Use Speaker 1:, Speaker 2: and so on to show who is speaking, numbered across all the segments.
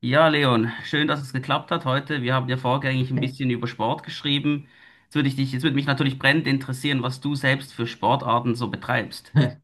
Speaker 1: Ja, Leon, schön, dass es geklappt hat heute. Wir haben ja vorgängig ein bisschen über Sport geschrieben. Jetzt würde ich dich, jetzt würde mich natürlich brennend interessieren, was du selbst für Sportarten so betreibst.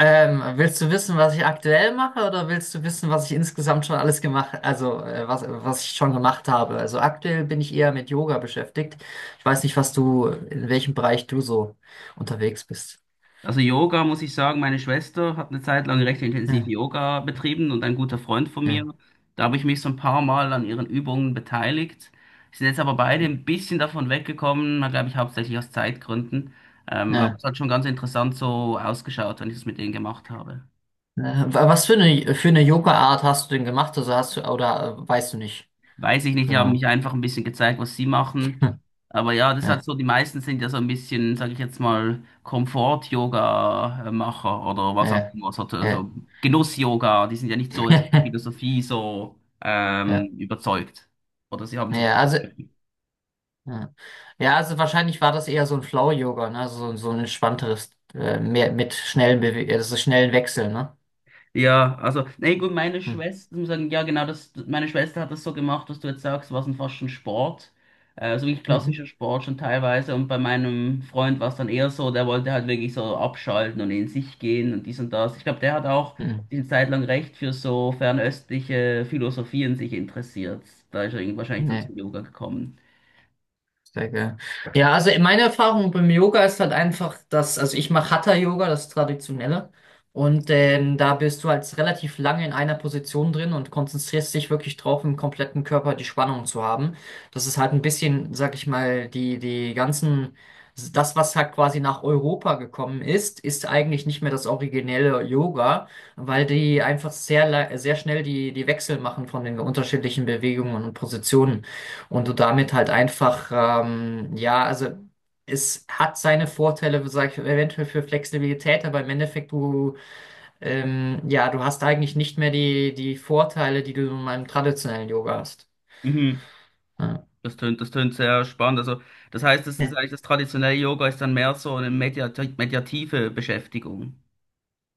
Speaker 2: Willst du wissen, was ich aktuell mache, oder willst du wissen, was ich insgesamt schon alles gemacht, also was ich schon gemacht habe? Also aktuell bin ich eher mit Yoga beschäftigt. Ich weiß nicht, in welchem Bereich du so unterwegs bist.
Speaker 1: Also Yoga, muss ich sagen, meine Schwester hat eine Zeit lang recht intensiv
Speaker 2: Ja,
Speaker 1: Yoga betrieben und ein guter Freund von mir.
Speaker 2: ja,
Speaker 1: Da habe ich mich so ein paar Mal an ihren Übungen beteiligt. Wir sind jetzt aber beide ein bisschen davon weggekommen, glaube ich, hauptsächlich aus Zeitgründen. Aber
Speaker 2: ja.
Speaker 1: es hat schon ganz interessant so ausgeschaut, wenn ich das mit denen gemacht habe.
Speaker 2: Was für eine Yoga-Art hast du denn gemacht? Also hast du, oder weißt du nicht?
Speaker 1: Weiß ich nicht, die haben
Speaker 2: Genau.
Speaker 1: mich einfach ein bisschen gezeigt, was sie machen.
Speaker 2: Hm,
Speaker 1: Aber ja, das hat
Speaker 2: ja,
Speaker 1: so, die meisten sind ja so ein bisschen, sage ich jetzt mal, Komfort-Yoga-Macher oder was auch
Speaker 2: ja,
Speaker 1: immer, so,
Speaker 2: ja.
Speaker 1: so Genuss-Yoga, die sind ja nicht so jetzt von der Philosophie so
Speaker 2: Ja,
Speaker 1: überzeugt. Oder sie haben sie
Speaker 2: ja,
Speaker 1: damit.
Speaker 2: also ja. Ja, also wahrscheinlich war das eher so ein Flow-Yoga, ne? Also so ein entspannteres, mehr mit schnellen Bewe also schnellen Wechseln, ne?
Speaker 1: Ja, also, nee, gut, meine
Speaker 2: Hm.
Speaker 1: Schwester, ich muss sagen, ja, genau, das, meine Schwester hat das so gemacht, was du jetzt sagst, war es dann fast schon Sport. So wirklich
Speaker 2: Mhm.
Speaker 1: klassischer Sport schon teilweise. Und bei meinem Freund war es dann eher so, der wollte halt wirklich so abschalten und in sich gehen und dies und das. Ich glaube, der hat auch
Speaker 2: Mhm.
Speaker 1: eine Zeit lang recht für so fernöstliche Philosophien sich interessiert. Da ist er irgendwie wahrscheinlich dann
Speaker 2: Nee.
Speaker 1: zum Yoga gekommen.
Speaker 2: Sehr geil. Ja, also meine Erfahrung beim Yoga ist halt einfach, dass, also ich mache Hatha-Yoga, das Traditionelle. Und da bist du halt relativ lange in einer Position drin und konzentrierst dich wirklich drauf, im kompletten Körper die Spannung zu haben. Das ist halt ein bisschen, sag ich mal, das, was halt quasi nach Europa gekommen ist, ist eigentlich nicht mehr das originelle Yoga, weil die einfach sehr schnell die Wechsel machen von den unterschiedlichen Bewegungen und Positionen. Und du damit halt einfach, ja, also es hat seine Vorteile, sag ich, eventuell für Flexibilität, aber im Endeffekt du hast eigentlich nicht mehr die Vorteile, die du in meinem traditionellen Yoga hast.
Speaker 1: Mhm. Das tönt sehr spannend. Also, das heißt, das ist
Speaker 2: Ja.
Speaker 1: eigentlich das traditionelle Yoga ist dann mehr so eine meditative Beschäftigung.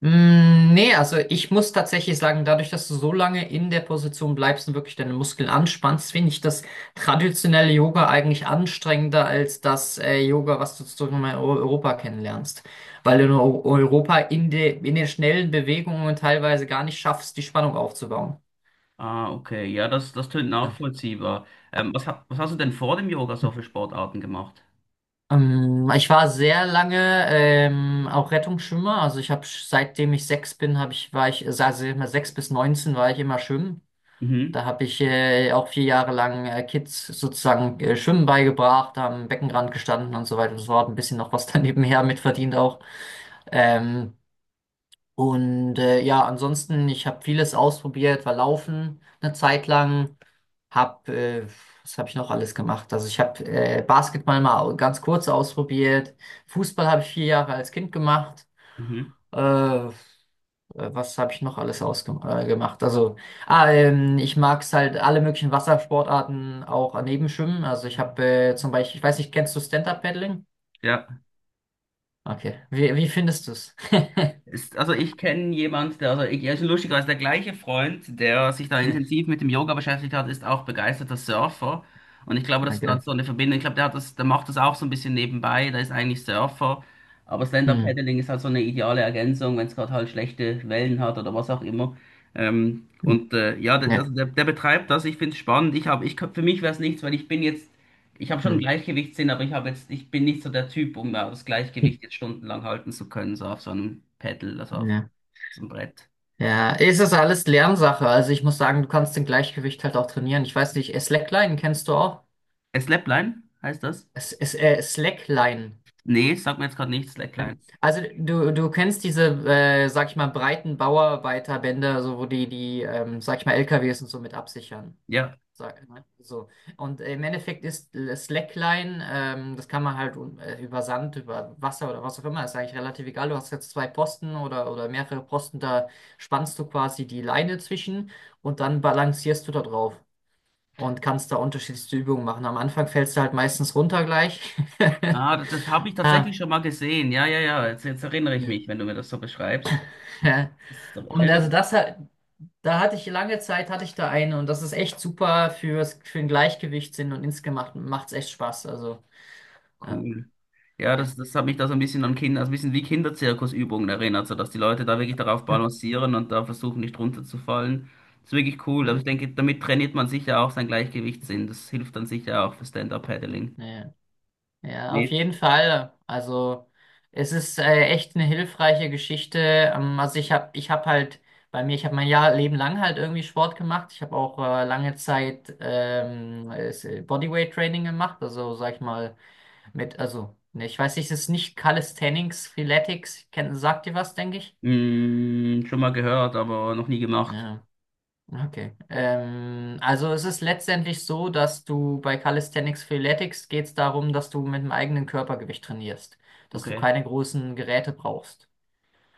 Speaker 2: Mm, nee, also ich muss tatsächlich sagen, dadurch, dass du so lange in der Position bleibst und wirklich deine Muskeln anspannst, finde ich das traditionelle Yoga eigentlich anstrengender als das Yoga, was du sozusagen in Europa kennenlernst. Weil du in Europa in den schnellen Bewegungen teilweise gar nicht schaffst, die Spannung aufzubauen.
Speaker 1: Ah, okay. Ja, das, das tönt
Speaker 2: Ja.
Speaker 1: nachvollziehbar. Was, was hast du denn vor dem Yoga so für Sportarten gemacht?
Speaker 2: Ich war sehr lange auch Rettungsschwimmer. Also ich habe seitdem ich 6 bin, habe ich, war ich, also immer 6 bis 19 war ich immer schwimmen.
Speaker 1: Mhm,
Speaker 2: Da habe ich auch 4 Jahre lang Kids sozusagen Schwimmen beigebracht, am Beckenrand gestanden und so weiter und so fort. Ein bisschen noch was daneben her mitverdient auch. Ähm, und ja, ansonsten, ich habe vieles ausprobiert, war Laufen eine Zeit lang, hab, äh, was habe ich noch alles gemacht? Also ich habe Basketball mal ganz kurz ausprobiert, Fußball habe ich 4 Jahre als Kind gemacht.
Speaker 1: mhm.
Speaker 2: Äh, äh, Was habe ich noch alles ausgemacht? Gemacht? Also, ich mag es halt alle möglichen Wassersportarten auch daneben schwimmen. Also ich habe zum Beispiel, ich weiß nicht, kennst du Stand-Up-Paddling?
Speaker 1: Ja.
Speaker 2: Okay. Wie findest du es?
Speaker 1: Ist, also ich kenne jemand, der, also ich, ja, ist lustigerweise der gleiche Freund, der sich da intensiv mit dem Yoga beschäftigt hat, ist auch begeisterter Surfer. Und ich glaube, das ist dann
Speaker 2: Okay.
Speaker 1: so eine Verbindung. Ich glaube, der hat das, der macht das auch so ein bisschen nebenbei. Der ist eigentlich Surfer. Aber
Speaker 2: Hm.
Speaker 1: Stand-Up-Paddling ist halt so eine ideale Ergänzung, wenn es gerade halt schlechte Wellen hat oder was auch immer.
Speaker 2: Hm.
Speaker 1: Ja, der, der,
Speaker 2: Ja.
Speaker 1: der betreibt das. Ich finde es spannend. Ich hab, ich, für mich wäre es nichts, weil ich bin jetzt ich habe schon einen
Speaker 2: Hm.
Speaker 1: Gleichgewichtssinn, aber ich habe jetzt, ich bin nicht so der Typ, um das
Speaker 2: Hm,
Speaker 1: Gleichgewicht jetzt stundenlang halten zu können, so auf so einem Pedal, also auf
Speaker 2: ja.
Speaker 1: so einem Brett.
Speaker 2: Ja, es ist alles Lernsache. Also ich muss sagen, du kannst den Gleichgewicht halt auch trainieren. Ich weiß nicht, Slackline kennst du auch?
Speaker 1: Slapline heißt das?
Speaker 2: Slackline.
Speaker 1: Nee, sagt mir jetzt gerade nichts. Slackline.
Speaker 2: Also du kennst diese, sag ich mal, breiten Bauarbeiterbänder, so wo die, sag ich mal, LKWs und so mit absichern.
Speaker 1: Ja.
Speaker 2: Sag, ne? So. Und im Endeffekt ist Slackline, das kann man halt über Sand, über Wasser oder was auch immer, ist eigentlich relativ egal. Du hast jetzt zwei Posten oder mehrere Posten, da spannst du quasi die Leine zwischen und dann balancierst du da drauf und kannst da unterschiedlichste Übungen machen. Am Anfang fällst du halt meistens runter gleich.
Speaker 1: Ah, das, das habe ich
Speaker 2: Ah,
Speaker 1: tatsächlich schon mal gesehen. Ja, ja, ja. Jetzt, jetzt erinnere ich
Speaker 2: ja.
Speaker 1: mich, wenn du mir das so beschreibst. Das ist so-
Speaker 2: Und also da hatte ich da eine und das ist echt super für den Gleichgewichtssinn und insgesamt macht es echt Spaß. Also, ja,
Speaker 1: Cool. Ja,
Speaker 2: ja,
Speaker 1: das, das hat mich da so ein bisschen an Kinder, also ein bisschen wie Kinderzirkusübungen erinnert, so dass die Leute da wirklich darauf balancieren und da versuchen nicht runterzufallen. Das ist wirklich cool. Aber ich
Speaker 2: ja,
Speaker 1: denke, damit trainiert man sicher auch sein Gleichgewichtssinn. Das hilft dann sicher auch für Stand-Up-Paddling.
Speaker 2: ja, ja, auf
Speaker 1: Nicht?
Speaker 2: jeden Fall. Also, es ist echt eine hilfreiche Geschichte. Also, ich hab halt bei mir, ich habe mein Jahr Leben lang halt irgendwie Sport gemacht. Ich habe auch lange Zeit Bodyweight Training gemacht. Also, sag ich mal, mit, also, ne, ich weiß nicht, es ist nicht Calisthenics, Freeletics, sagt ihr was, denke ich?
Speaker 1: Mm, schon mal gehört, aber noch nie gemacht.
Speaker 2: Ja, okay. Also es ist letztendlich so, dass du bei Calisthenics Freeletics geht es darum, dass du mit dem eigenen Körpergewicht trainierst, dass du
Speaker 1: Okay.
Speaker 2: keine großen Geräte brauchst.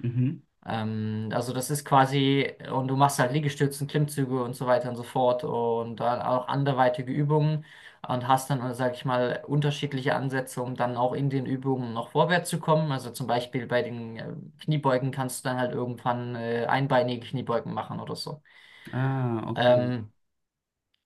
Speaker 1: Mhm.
Speaker 2: Also das ist quasi, und du machst halt Liegestützen, Klimmzüge und so weiter und so fort und dann auch anderweitige Übungen und hast dann, sag ich mal, unterschiedliche Ansätze, um dann auch in den Übungen noch vorwärts zu kommen. Also zum Beispiel bei den Kniebeugen kannst du dann halt irgendwann einbeinige Kniebeugen machen oder so.
Speaker 1: Ah, okay.
Speaker 2: Ähm,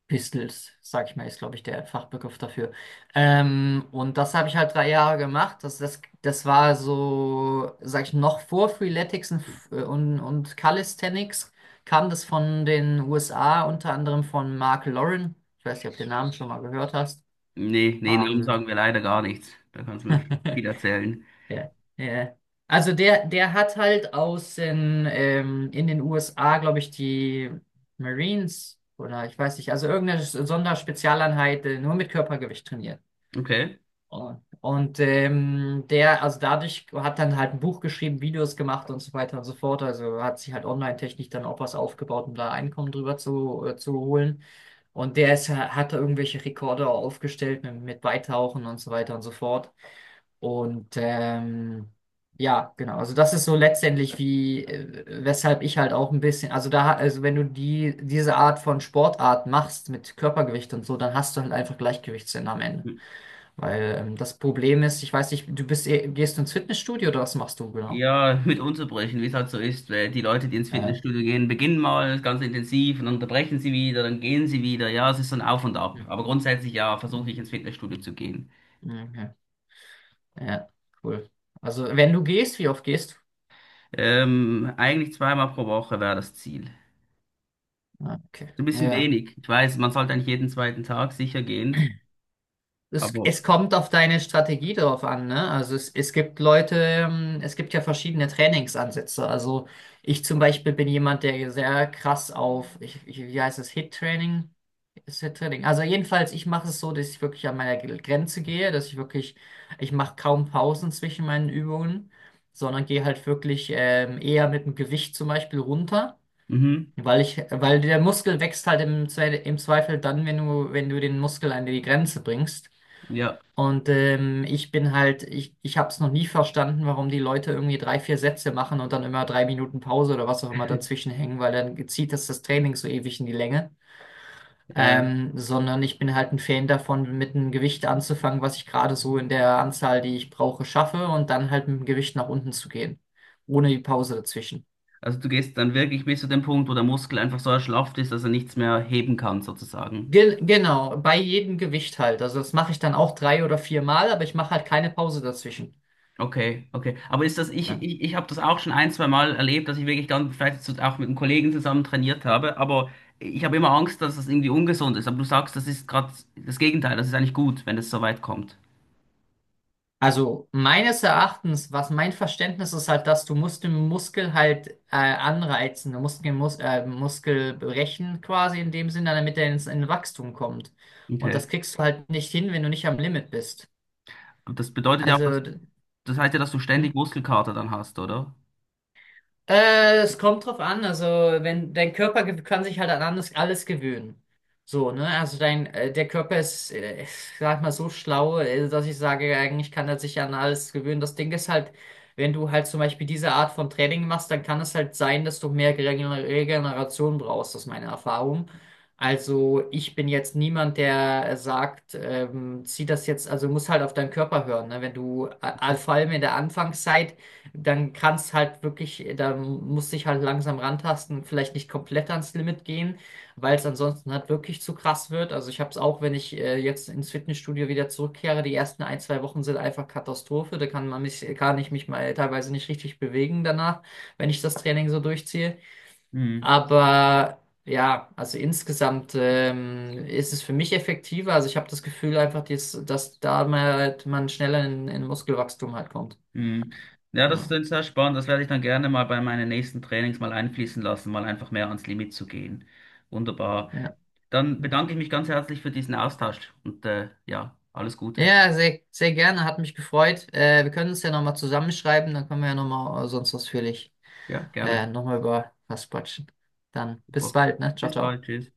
Speaker 2: Pistols, sag ich mal, ist, glaube ich, der Fachbegriff dafür. Und das habe ich halt 3 Jahre gemacht. Das war so, sag ich, noch vor Freeletics und Calisthenics kam das von den USA, unter anderem von Mark Lauren. Ich weiß nicht, ob du den Namen schon mal gehört hast.
Speaker 1: Nee, nee, Namen
Speaker 2: Ähm,
Speaker 1: sagen wir leider gar nichts. Da kannst du mir viel erzählen.
Speaker 2: Ja, ja. Also der hat halt in den USA, glaube ich, die Marines oder ich weiß nicht, also irgendeine Sonderspezialeinheit nur mit Körpergewicht trainiert.
Speaker 1: Okay.
Speaker 2: Und also dadurch hat dann halt ein Buch geschrieben, Videos gemacht und so weiter und so fort. Also hat sich halt online-technisch dann auch was aufgebaut, um da Einkommen drüber zu holen. Und der hat da irgendwelche Rekorde aufgestellt mit Beitauchen und so weiter und so fort. Und ja, genau. Also das ist so letztendlich wie, weshalb ich halt auch ein bisschen, also da, also wenn du diese Art von Sportart machst mit Körpergewicht und so, dann hast du halt einfach Gleichgewichtssinn am Ende.
Speaker 1: Hm.
Speaker 2: Weil das Problem ist, ich weiß nicht, gehst du ins Fitnessstudio oder was machst du genau?
Speaker 1: Ja, mit Unterbrechen, wie es halt so ist, weil die Leute, die ins
Speaker 2: Äh,
Speaker 1: Fitnessstudio gehen, beginnen mal ganz intensiv und dann unterbrechen sie wieder, dann gehen sie wieder. Ja, es ist so ein Auf und Ab.
Speaker 2: hm,
Speaker 1: Aber grundsätzlich ja, versuche ich
Speaker 2: hm,
Speaker 1: ins Fitnessstudio zu gehen.
Speaker 2: okay. Ja, cool. Also wenn du gehst, wie oft gehst
Speaker 1: Eigentlich zweimal pro Woche wäre das Ziel.
Speaker 2: du? Ah, okay.
Speaker 1: So ein bisschen
Speaker 2: Ja.
Speaker 1: wenig. Ich weiß, man sollte eigentlich jeden zweiten Tag sicher gehen,
Speaker 2: Es,
Speaker 1: aber
Speaker 2: es kommt auf deine Strategie drauf an, ne? Also es gibt Leute, es gibt ja verschiedene Trainingsansätze. Also ich zum Beispiel bin jemand, der sehr krass auf, ich, wie heißt es, Hit-Training? Ist Hit-Training. Also jedenfalls, ich mache es so, dass ich wirklich an meiner Grenze gehe, ich mache kaum Pausen zwischen meinen Übungen, sondern gehe halt wirklich eher mit dem Gewicht zum Beispiel runter.
Speaker 1: mhm,
Speaker 2: Weil der Muskel wächst halt im Zweifel dann, wenn du den Muskel an die Grenze bringst.
Speaker 1: ja.
Speaker 2: Und ich bin halt, ich habe es noch nie verstanden, warum die Leute irgendwie drei, vier Sätze machen und dann immer 3 Minuten Pause oder was auch immer dazwischen hängen, weil dann zieht das das Training so ewig in die Länge.
Speaker 1: Ja.
Speaker 2: Sondern ich bin halt ein Fan davon, mit einem Gewicht anzufangen, was ich gerade so in der Anzahl, die ich brauche, schaffe und dann halt mit dem Gewicht nach unten zu gehen, ohne die Pause dazwischen.
Speaker 1: Also du gehst dann wirklich bis zu dem Punkt, wo der Muskel einfach so erschlafft ist, dass er nichts mehr heben kann, sozusagen.
Speaker 2: Ge Genau, bei jedem Gewicht halt. Also das mache ich dann auch 3 oder 4 Mal, aber ich mache halt keine Pause dazwischen.
Speaker 1: Okay, okay. Aber ist das, ich,
Speaker 2: Ja.
Speaker 1: ich, ich habe das auch schon ein, zwei Mal erlebt, dass ich wirklich dann vielleicht auch mit einem Kollegen zusammen trainiert habe, aber ich habe immer Angst, dass das irgendwie ungesund ist. Aber du sagst, das ist gerade das Gegenteil, das ist eigentlich gut, wenn es so weit kommt.
Speaker 2: Also meines Erachtens, was mein Verständnis ist, halt, dass du musst den Muskel halt anreizen, du musst den Muskel brechen quasi in dem Sinne, damit er ins in Wachstum kommt. Und
Speaker 1: Okay.
Speaker 2: das kriegst du halt nicht hin, wenn du nicht am Limit bist.
Speaker 1: Und das bedeutet ja auch,
Speaker 2: Also,
Speaker 1: dass, das heißt ja, dass du ständig
Speaker 2: hm?
Speaker 1: Muskelkater dann hast, oder?
Speaker 2: Es kommt drauf an, also wenn dein Körper kann sich halt an alles gewöhnen. So, ne? Also der Körper ist, ich sag mal, so schlau, dass ich sage, eigentlich kann er sich an alles gewöhnen. Das Ding ist halt, wenn du halt zum Beispiel diese Art von Training machst, dann kann es halt sein, dass du mehr Regeneration brauchst, das ist meine Erfahrung. Also ich bin jetzt niemand, der sagt, zieh das jetzt, also muss halt auf deinen Körper hören, ne? Wenn du, vor allem in der Anfangszeit, dann kannst halt wirklich, da musst dich halt langsam rantasten, vielleicht nicht komplett ans Limit gehen, weil es ansonsten halt wirklich zu krass wird. Also ich habe es auch, wenn ich jetzt ins Fitnessstudio wieder zurückkehre, die ersten 1, 2 Wochen sind einfach Katastrophe. Da kann ich mich mal teilweise nicht richtig bewegen danach, wenn ich das Training so durchziehe.
Speaker 1: Mhm.
Speaker 2: Aber ja, also insgesamt ist es für mich effektiver. Also ich habe das Gefühl einfach, dass da mal halt man schneller in Muskelwachstum halt kommt.
Speaker 1: Mhm. Ja, das
Speaker 2: Ja.
Speaker 1: ist sehr spannend. Das werde ich dann gerne mal bei meinen nächsten Trainings mal einfließen lassen, mal einfach mehr ans Limit zu gehen. Wunderbar.
Speaker 2: Ja.
Speaker 1: Dann
Speaker 2: Hm.
Speaker 1: bedanke ich mich ganz herzlich für diesen Austausch und ja, alles Gute.
Speaker 2: Ja, sehr, sehr gerne, hat mich gefreut. Wir können uns ja nochmal zusammenschreiben, dann können wir ja nochmal sonst ausführlich
Speaker 1: Ja, gerne.
Speaker 2: nochmal über was quatschen. Dann
Speaker 1: Super.
Speaker 2: bis bald, ne? Ciao,
Speaker 1: Bis bald.
Speaker 2: ciao.
Speaker 1: Tschüss.